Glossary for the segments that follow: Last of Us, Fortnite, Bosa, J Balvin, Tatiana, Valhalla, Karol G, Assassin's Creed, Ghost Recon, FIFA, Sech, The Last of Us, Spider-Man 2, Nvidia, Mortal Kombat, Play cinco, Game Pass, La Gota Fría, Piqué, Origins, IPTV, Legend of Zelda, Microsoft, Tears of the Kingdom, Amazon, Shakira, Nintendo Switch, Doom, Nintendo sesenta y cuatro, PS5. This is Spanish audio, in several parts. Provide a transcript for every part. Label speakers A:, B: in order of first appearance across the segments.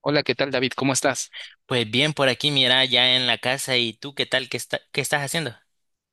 A: Hola, ¿qué tal, David? ¿Cómo estás?
B: Pues bien, por aquí, mira, ya en la casa. ¿Y tú qué tal? Qué estás haciendo?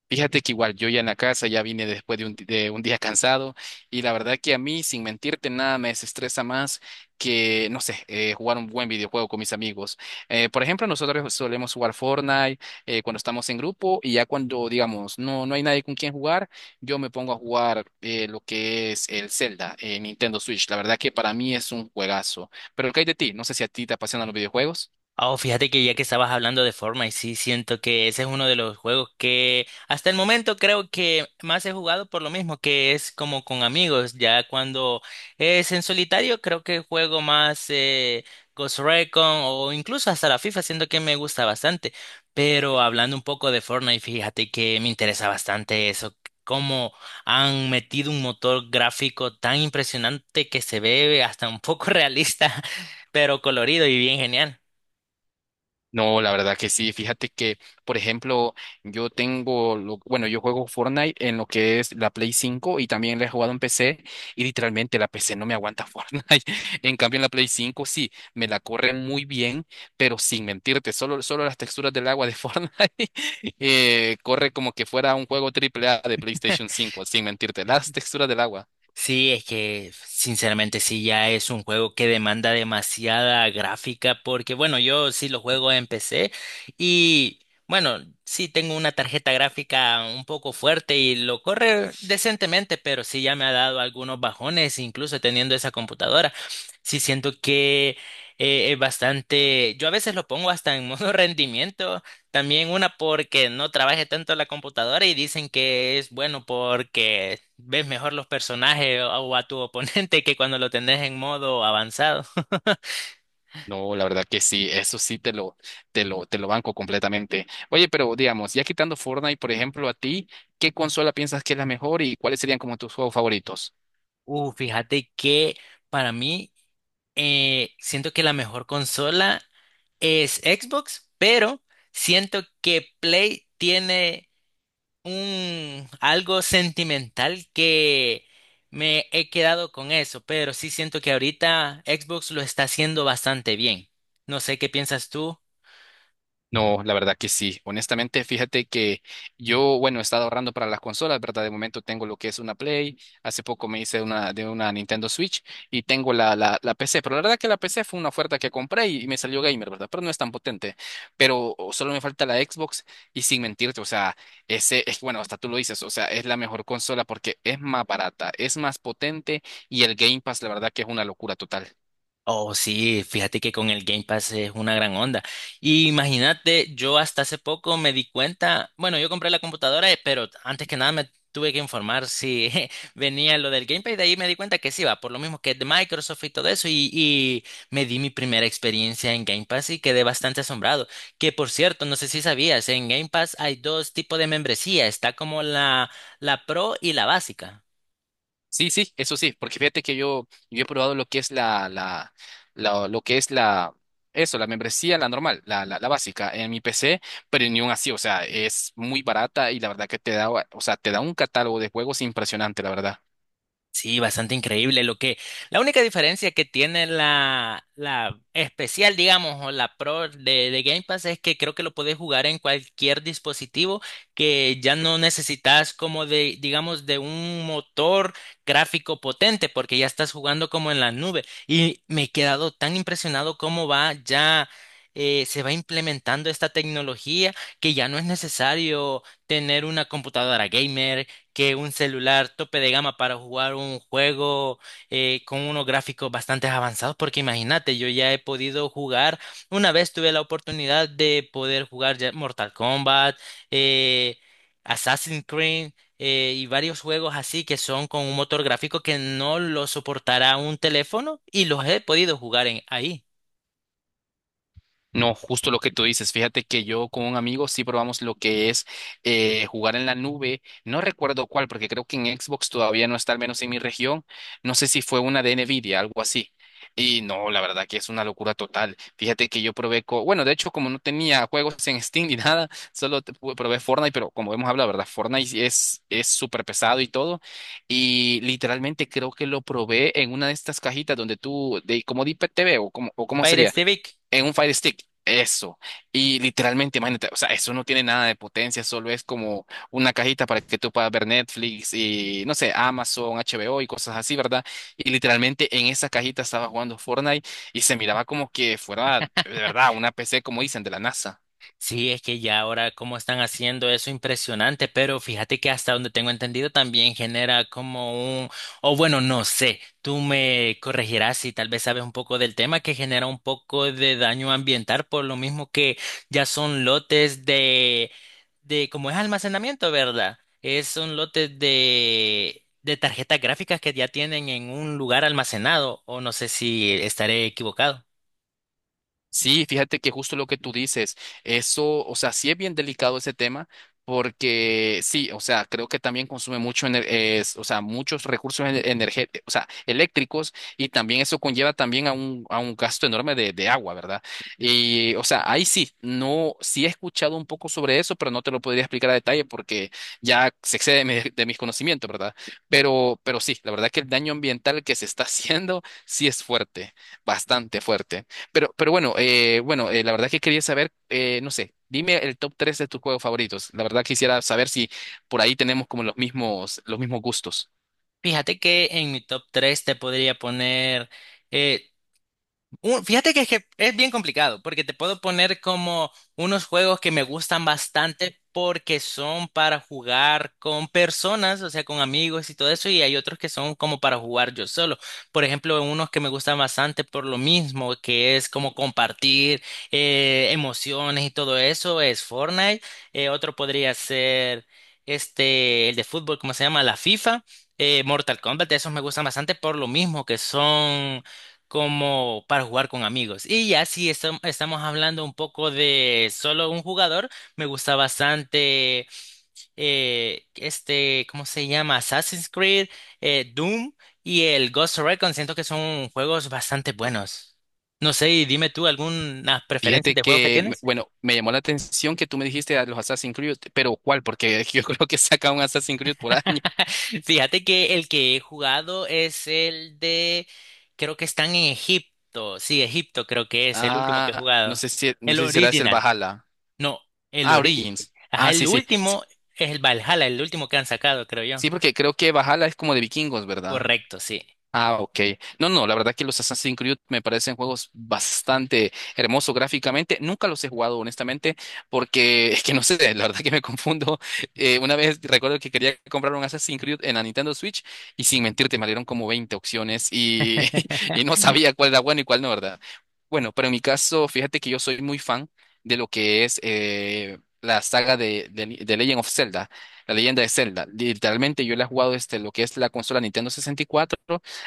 A: Fíjate que igual yo ya en la casa, ya vine después de un día cansado y la verdad que a mí, sin mentirte, nada me desestresa más que, no sé, jugar un buen videojuego con mis amigos. Por ejemplo, nosotros solemos jugar Fortnite cuando estamos en grupo y ya cuando, digamos, no, no hay nadie con quien jugar, yo me pongo a jugar lo que es el Zelda en Nintendo Switch. La verdad que para mí es un juegazo. Pero ¿qué hay de ti? No sé si a ti te apasionan los videojuegos.
B: Oh, fíjate que ya que estabas hablando de Fortnite, sí siento que ese es uno de los juegos que hasta el momento creo que más he jugado por lo mismo, que es como con amigos. Ya cuando es en solitario, creo que juego más Ghost Recon o incluso hasta la FIFA, siento que me gusta bastante. Pero hablando un poco de Fortnite, fíjate que me interesa bastante eso, cómo han metido un motor gráfico tan impresionante que se ve hasta un poco realista, pero colorido y bien genial.
A: No, la verdad que sí. Fíjate que, por ejemplo, bueno, yo juego Fortnite en lo que es la Play 5 y también la he jugado en PC y literalmente la PC no me aguanta Fortnite. En cambio, en la Play 5 sí, me la corre muy bien, pero sin mentirte, solo las texturas del agua de Fortnite corre como que fuera un juego triple A de PlayStation 5, sin mentirte, las texturas del agua.
B: Sí, es que sinceramente sí, ya es un juego que demanda demasiada gráfica porque bueno, yo sí lo juego en PC y bueno, sí tengo una tarjeta gráfica un poco fuerte y lo corre decentemente, pero sí ya me ha dado algunos bajones, incluso teniendo esa computadora. Sí siento que es bastante, yo a veces lo pongo hasta en modo rendimiento también, una porque no trabaje tanto la computadora y dicen que es bueno porque ves mejor los personajes o a tu oponente que cuando lo tenés en modo avanzado.
A: No, la verdad que sí, eso sí te lo banco completamente. Oye, pero digamos, ya quitando Fortnite, por ejemplo, a ti, ¿qué consola piensas que es la mejor y cuáles serían como tus juegos favoritos?
B: Fíjate que para mí siento que la mejor consola es Xbox, pero siento que Play tiene un algo sentimental que me he quedado con eso, pero sí siento que ahorita Xbox lo está haciendo bastante bien. No sé qué piensas tú.
A: No, la verdad que sí. Honestamente, fíjate que yo, bueno, he estado ahorrando para las consolas, ¿verdad? De momento tengo lo que es una Play, hace poco me hice una Nintendo Switch y tengo la PC, pero la verdad que la PC fue una oferta que compré y me salió gamer, ¿verdad? Pero no es tan potente, pero solo me falta la Xbox y sin mentirte, o sea, ese es, bueno, hasta tú lo dices, o sea, es la mejor consola porque es más barata, es más potente y el Game Pass, la verdad que es una locura total.
B: Oh, sí, fíjate que con el Game Pass es una gran onda. Y imagínate, yo hasta hace poco me di cuenta, bueno, yo compré la computadora, pero antes que nada me tuve que informar si venía lo del Game Pass, y de ahí me di cuenta que sí, va, por lo mismo que es de Microsoft y todo eso, y me di mi primera experiencia en Game Pass y quedé bastante asombrado. Que por cierto, no sé si sabías, en Game Pass hay dos tipos de membresía, está como la Pro y la básica.
A: Sí, sí, eso sí, porque fíjate que yo he probado lo que es lo que es la, eso, la membresía, la normal, la básica en mi PC, pero ni aún así, o sea, es muy barata y la verdad que te da, o sea, te da un catálogo de juegos impresionante, la verdad.
B: Sí, bastante increíble. La única diferencia que tiene la especial, digamos, o la Pro de Game Pass es que creo que lo puedes jugar en cualquier dispositivo, que ya no necesitas como de, digamos, de un motor gráfico potente, porque ya estás jugando como en la nube. Y me he quedado tan impresionado cómo va ya. Se va implementando esta tecnología que ya no es necesario tener una computadora gamer, que un celular tope de gama para jugar un juego con unos gráficos bastante avanzados, porque imagínate, yo ya he podido jugar, una vez tuve la oportunidad de poder jugar ya Mortal Kombat, eh, Assassin's Creed, y varios juegos así que son con un motor gráfico que no lo soportará un teléfono, y los he podido jugar en ahí.
A: No, justo lo que tú dices. Fíjate que yo con un amigo sí probamos lo que es jugar en la nube. No recuerdo cuál, porque creo que en Xbox todavía no está, al menos en mi región. No sé si fue una de Nvidia, algo así. Y no, la verdad que es una locura total. Fíjate que bueno, de hecho, como no tenía juegos en Steam ni nada, solo probé Fortnite, pero como hemos hablado, ¿verdad? Fortnite sí es súper pesado y todo. Y literalmente creo que lo probé en una de estas cajitas donde tú, como de IPTV o o cómo
B: Pirate
A: sería
B: Civic.
A: en un Fire Stick, eso. Y literalmente, imagínate, o sea, eso no tiene nada de potencia, solo es como una cajita para que tú puedas ver Netflix y, no sé, Amazon, HBO y cosas así, ¿verdad? Y literalmente en esa cajita estaba jugando Fortnite y se miraba como que fuera, de verdad, una PC, como dicen, de la NASA.
B: Sí, es que ya ahora cómo están haciendo eso impresionante, pero fíjate que hasta donde tengo entendido también genera como un, o bueno, no sé, tú me corregirás si tal vez sabes un poco del tema, que genera un poco de daño ambiental por lo mismo que ya son lotes de como es almacenamiento, ¿verdad? Es, son lotes de tarjetas gráficas que ya tienen en un lugar almacenado, o no sé si estaré equivocado.
A: Sí, fíjate que justo lo que tú dices, eso, o sea, sí es bien delicado ese tema, porque sí, o sea, creo que también consume o sea, muchos recursos energéticos, o sea, eléctricos, y también eso conlleva también a un gasto enorme de agua, ¿verdad? Y, o sea, ahí sí, no, sí he escuchado un poco sobre eso, pero no te lo podría explicar a detalle porque ya se excede de mis conocimientos, ¿verdad? Pero sí, la verdad que el daño ambiental que se está haciendo sí es fuerte, bastante fuerte. Pero bueno, bueno, la verdad que quería saber, no sé, dime el top 3 de tus juegos favoritos. La verdad quisiera saber si por ahí tenemos como los mismos gustos.
B: Fíjate que en mi top 3 te podría poner eh, Fíjate que es bien complicado, porque te puedo poner como unos juegos que me gustan bastante porque son para jugar con personas, o sea, con amigos y todo eso, y hay otros que son como para jugar yo solo. Por ejemplo, unos que me gustan bastante por lo mismo, que es como compartir emociones y todo eso, es Fortnite. Otro podría ser este, el de fútbol, ¿cómo se llama? La FIFA. Mortal Kombat, esos me gustan bastante por lo mismo que son como para jugar con amigos. Y ya si estamos hablando un poco de solo un jugador, me gusta bastante este, ¿cómo se llama? Assassin's Creed, Doom y el Ghost Recon. Siento que son juegos bastante buenos. No sé, y dime tú algunas preferencias
A: Fíjate
B: de juegos que
A: que,
B: tienes.
A: bueno, me llamó la atención que tú me dijiste a los Assassin's Creed, pero ¿cuál? Porque yo creo que saca un Assassin's Creed por año.
B: Fíjate que el que he jugado es creo que están en Egipto. Sí, Egipto creo que es el último que he
A: Ah, no
B: jugado.
A: sé si, no
B: El
A: sé si será ese el
B: original.
A: Valhalla.
B: No, el
A: Ah,
B: ori-
A: Origins.
B: ajá,
A: Ah,
B: el
A: sí, sí. Sí,
B: último es el Valhalla, el último que han sacado, creo yo.
A: sí, porque creo que Valhalla es como de vikingos, ¿verdad?
B: Correcto, sí.
A: Ah, ok. No, no, la verdad que los Assassin's Creed me parecen juegos bastante hermosos gráficamente. Nunca los he jugado, honestamente, porque es que no sé, la verdad que me confundo. Una vez recuerdo que quería comprar un Assassin's Creed en la Nintendo Switch y sin mentirte me dieron como 20 opciones y, y no sabía cuál era bueno y cuál no, ¿verdad? Bueno, pero en mi caso, fíjate que yo soy muy fan de lo que es la saga de Legend of Zelda, la leyenda de Zelda. Literalmente yo la he jugado desde lo que es la consola Nintendo 64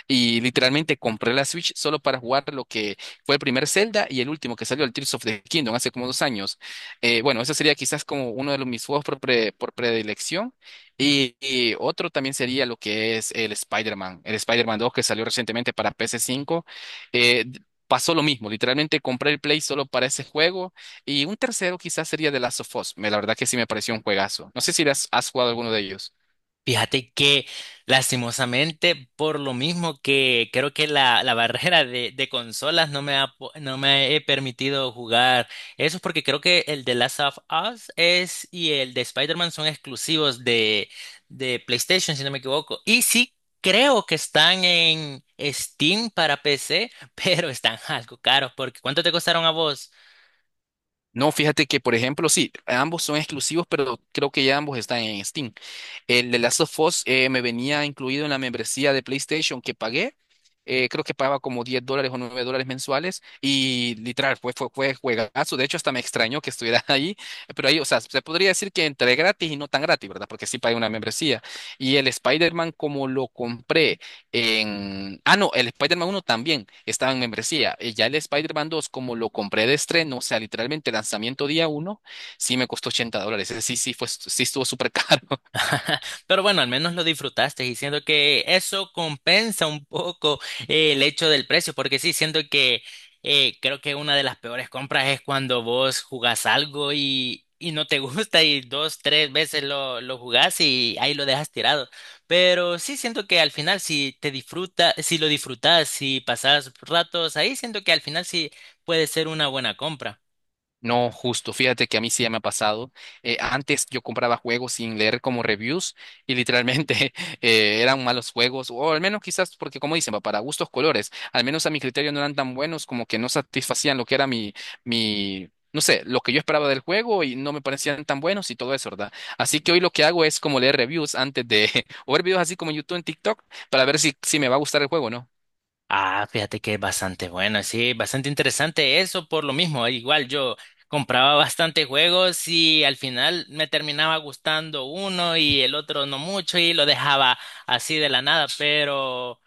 A: y literalmente compré la Switch solo para jugar lo que fue el primer Zelda y el último que salió, el Tears of the Kingdom, hace como 2 años. Bueno, ese sería quizás como uno de mis juegos por predilección. Y otro también sería lo que es el Spider-Man 2 que salió recientemente para PS5. Eh, d- pasó lo mismo, literalmente compré el Play solo para ese juego. Y un tercero quizás sería The Last of Us. La verdad que sí me pareció un juegazo. No sé si has jugado alguno de ellos.
B: Fíjate que lastimosamente, por lo mismo que creo que la barrera de consolas no me ha, no me he permitido jugar eso, es porque creo que el de Last of Us es y el de Spider-Man son exclusivos de PlayStation, si no me equivoco. Y sí, creo que están en Steam para PC, pero están algo caros, porque ¿cuánto te costaron a vos?
A: No, fíjate que, por ejemplo, sí, ambos son exclusivos, pero creo que ya ambos están en Steam. El de Last of Us me venía incluido en la membresía de PlayStation que pagué. Creo que pagaba como $10 o $9 mensuales y literal fue juegazo. De hecho, hasta me extrañó que estuviera ahí, pero ahí, o sea, se podría decir que entre gratis y no tan gratis, ¿verdad? Porque sí pagué una membresía. Y el Spider-Man, como lo compré en... Ah, no, el Spider-Man 1 también estaba en membresía. Ya el Spider-Man 2, como lo compré de estreno, o sea, literalmente lanzamiento día uno, sí me costó $80. Ese sí, sí, sí estuvo súper caro.
B: Pero bueno, al menos lo disfrutaste y siento que eso compensa un poco el hecho del precio, porque sí, siento que creo que una de las peores compras es cuando vos jugás algo y no te gusta y dos, tres veces lo jugás y ahí lo dejas tirado. Pero sí siento que al final si te disfruta, si lo disfrutas, si pasas ratos ahí, siento que al final sí puede ser una buena compra.
A: No, justo. Fíjate que a mí sí ya me ha pasado. Antes yo compraba juegos sin leer como reviews y literalmente eran malos juegos, o al menos quizás porque como dicen, va, para gustos colores, al menos a mi criterio no eran tan buenos como que no satisfacían lo que era mi, no sé, lo que yo esperaba del juego y no me parecían tan buenos y todo eso, ¿verdad? Así que hoy lo que hago es como leer reviews antes de, o ver videos así como en YouTube, en TikTok, para ver si me va a gustar el juego, ¿no?
B: Ah, fíjate que es bastante bueno, sí, bastante interesante eso por lo mismo. Igual yo compraba bastante juegos y al final me terminaba gustando uno y el otro no mucho y lo dejaba así de la nada,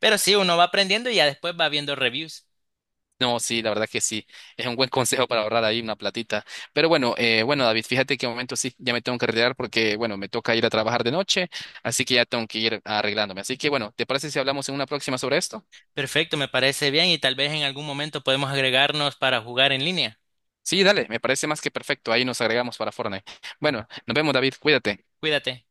B: pero sí, uno va aprendiendo y ya después va viendo reviews.
A: No, sí, la verdad que sí. Es un buen consejo para ahorrar ahí una platita. Pero bueno, bueno, David, fíjate que de momento sí, ya me tengo que retirar porque, bueno, me toca ir a trabajar de noche, así que ya tengo que ir arreglándome. Así que bueno, ¿te parece si hablamos en una próxima sobre esto?
B: Perfecto, me parece bien y tal vez en algún momento podemos agregarnos para jugar en línea.
A: Sí, dale, me parece más que perfecto. Ahí nos agregamos para Fortnite. Bueno, nos vemos, David, cuídate.
B: Cuídate.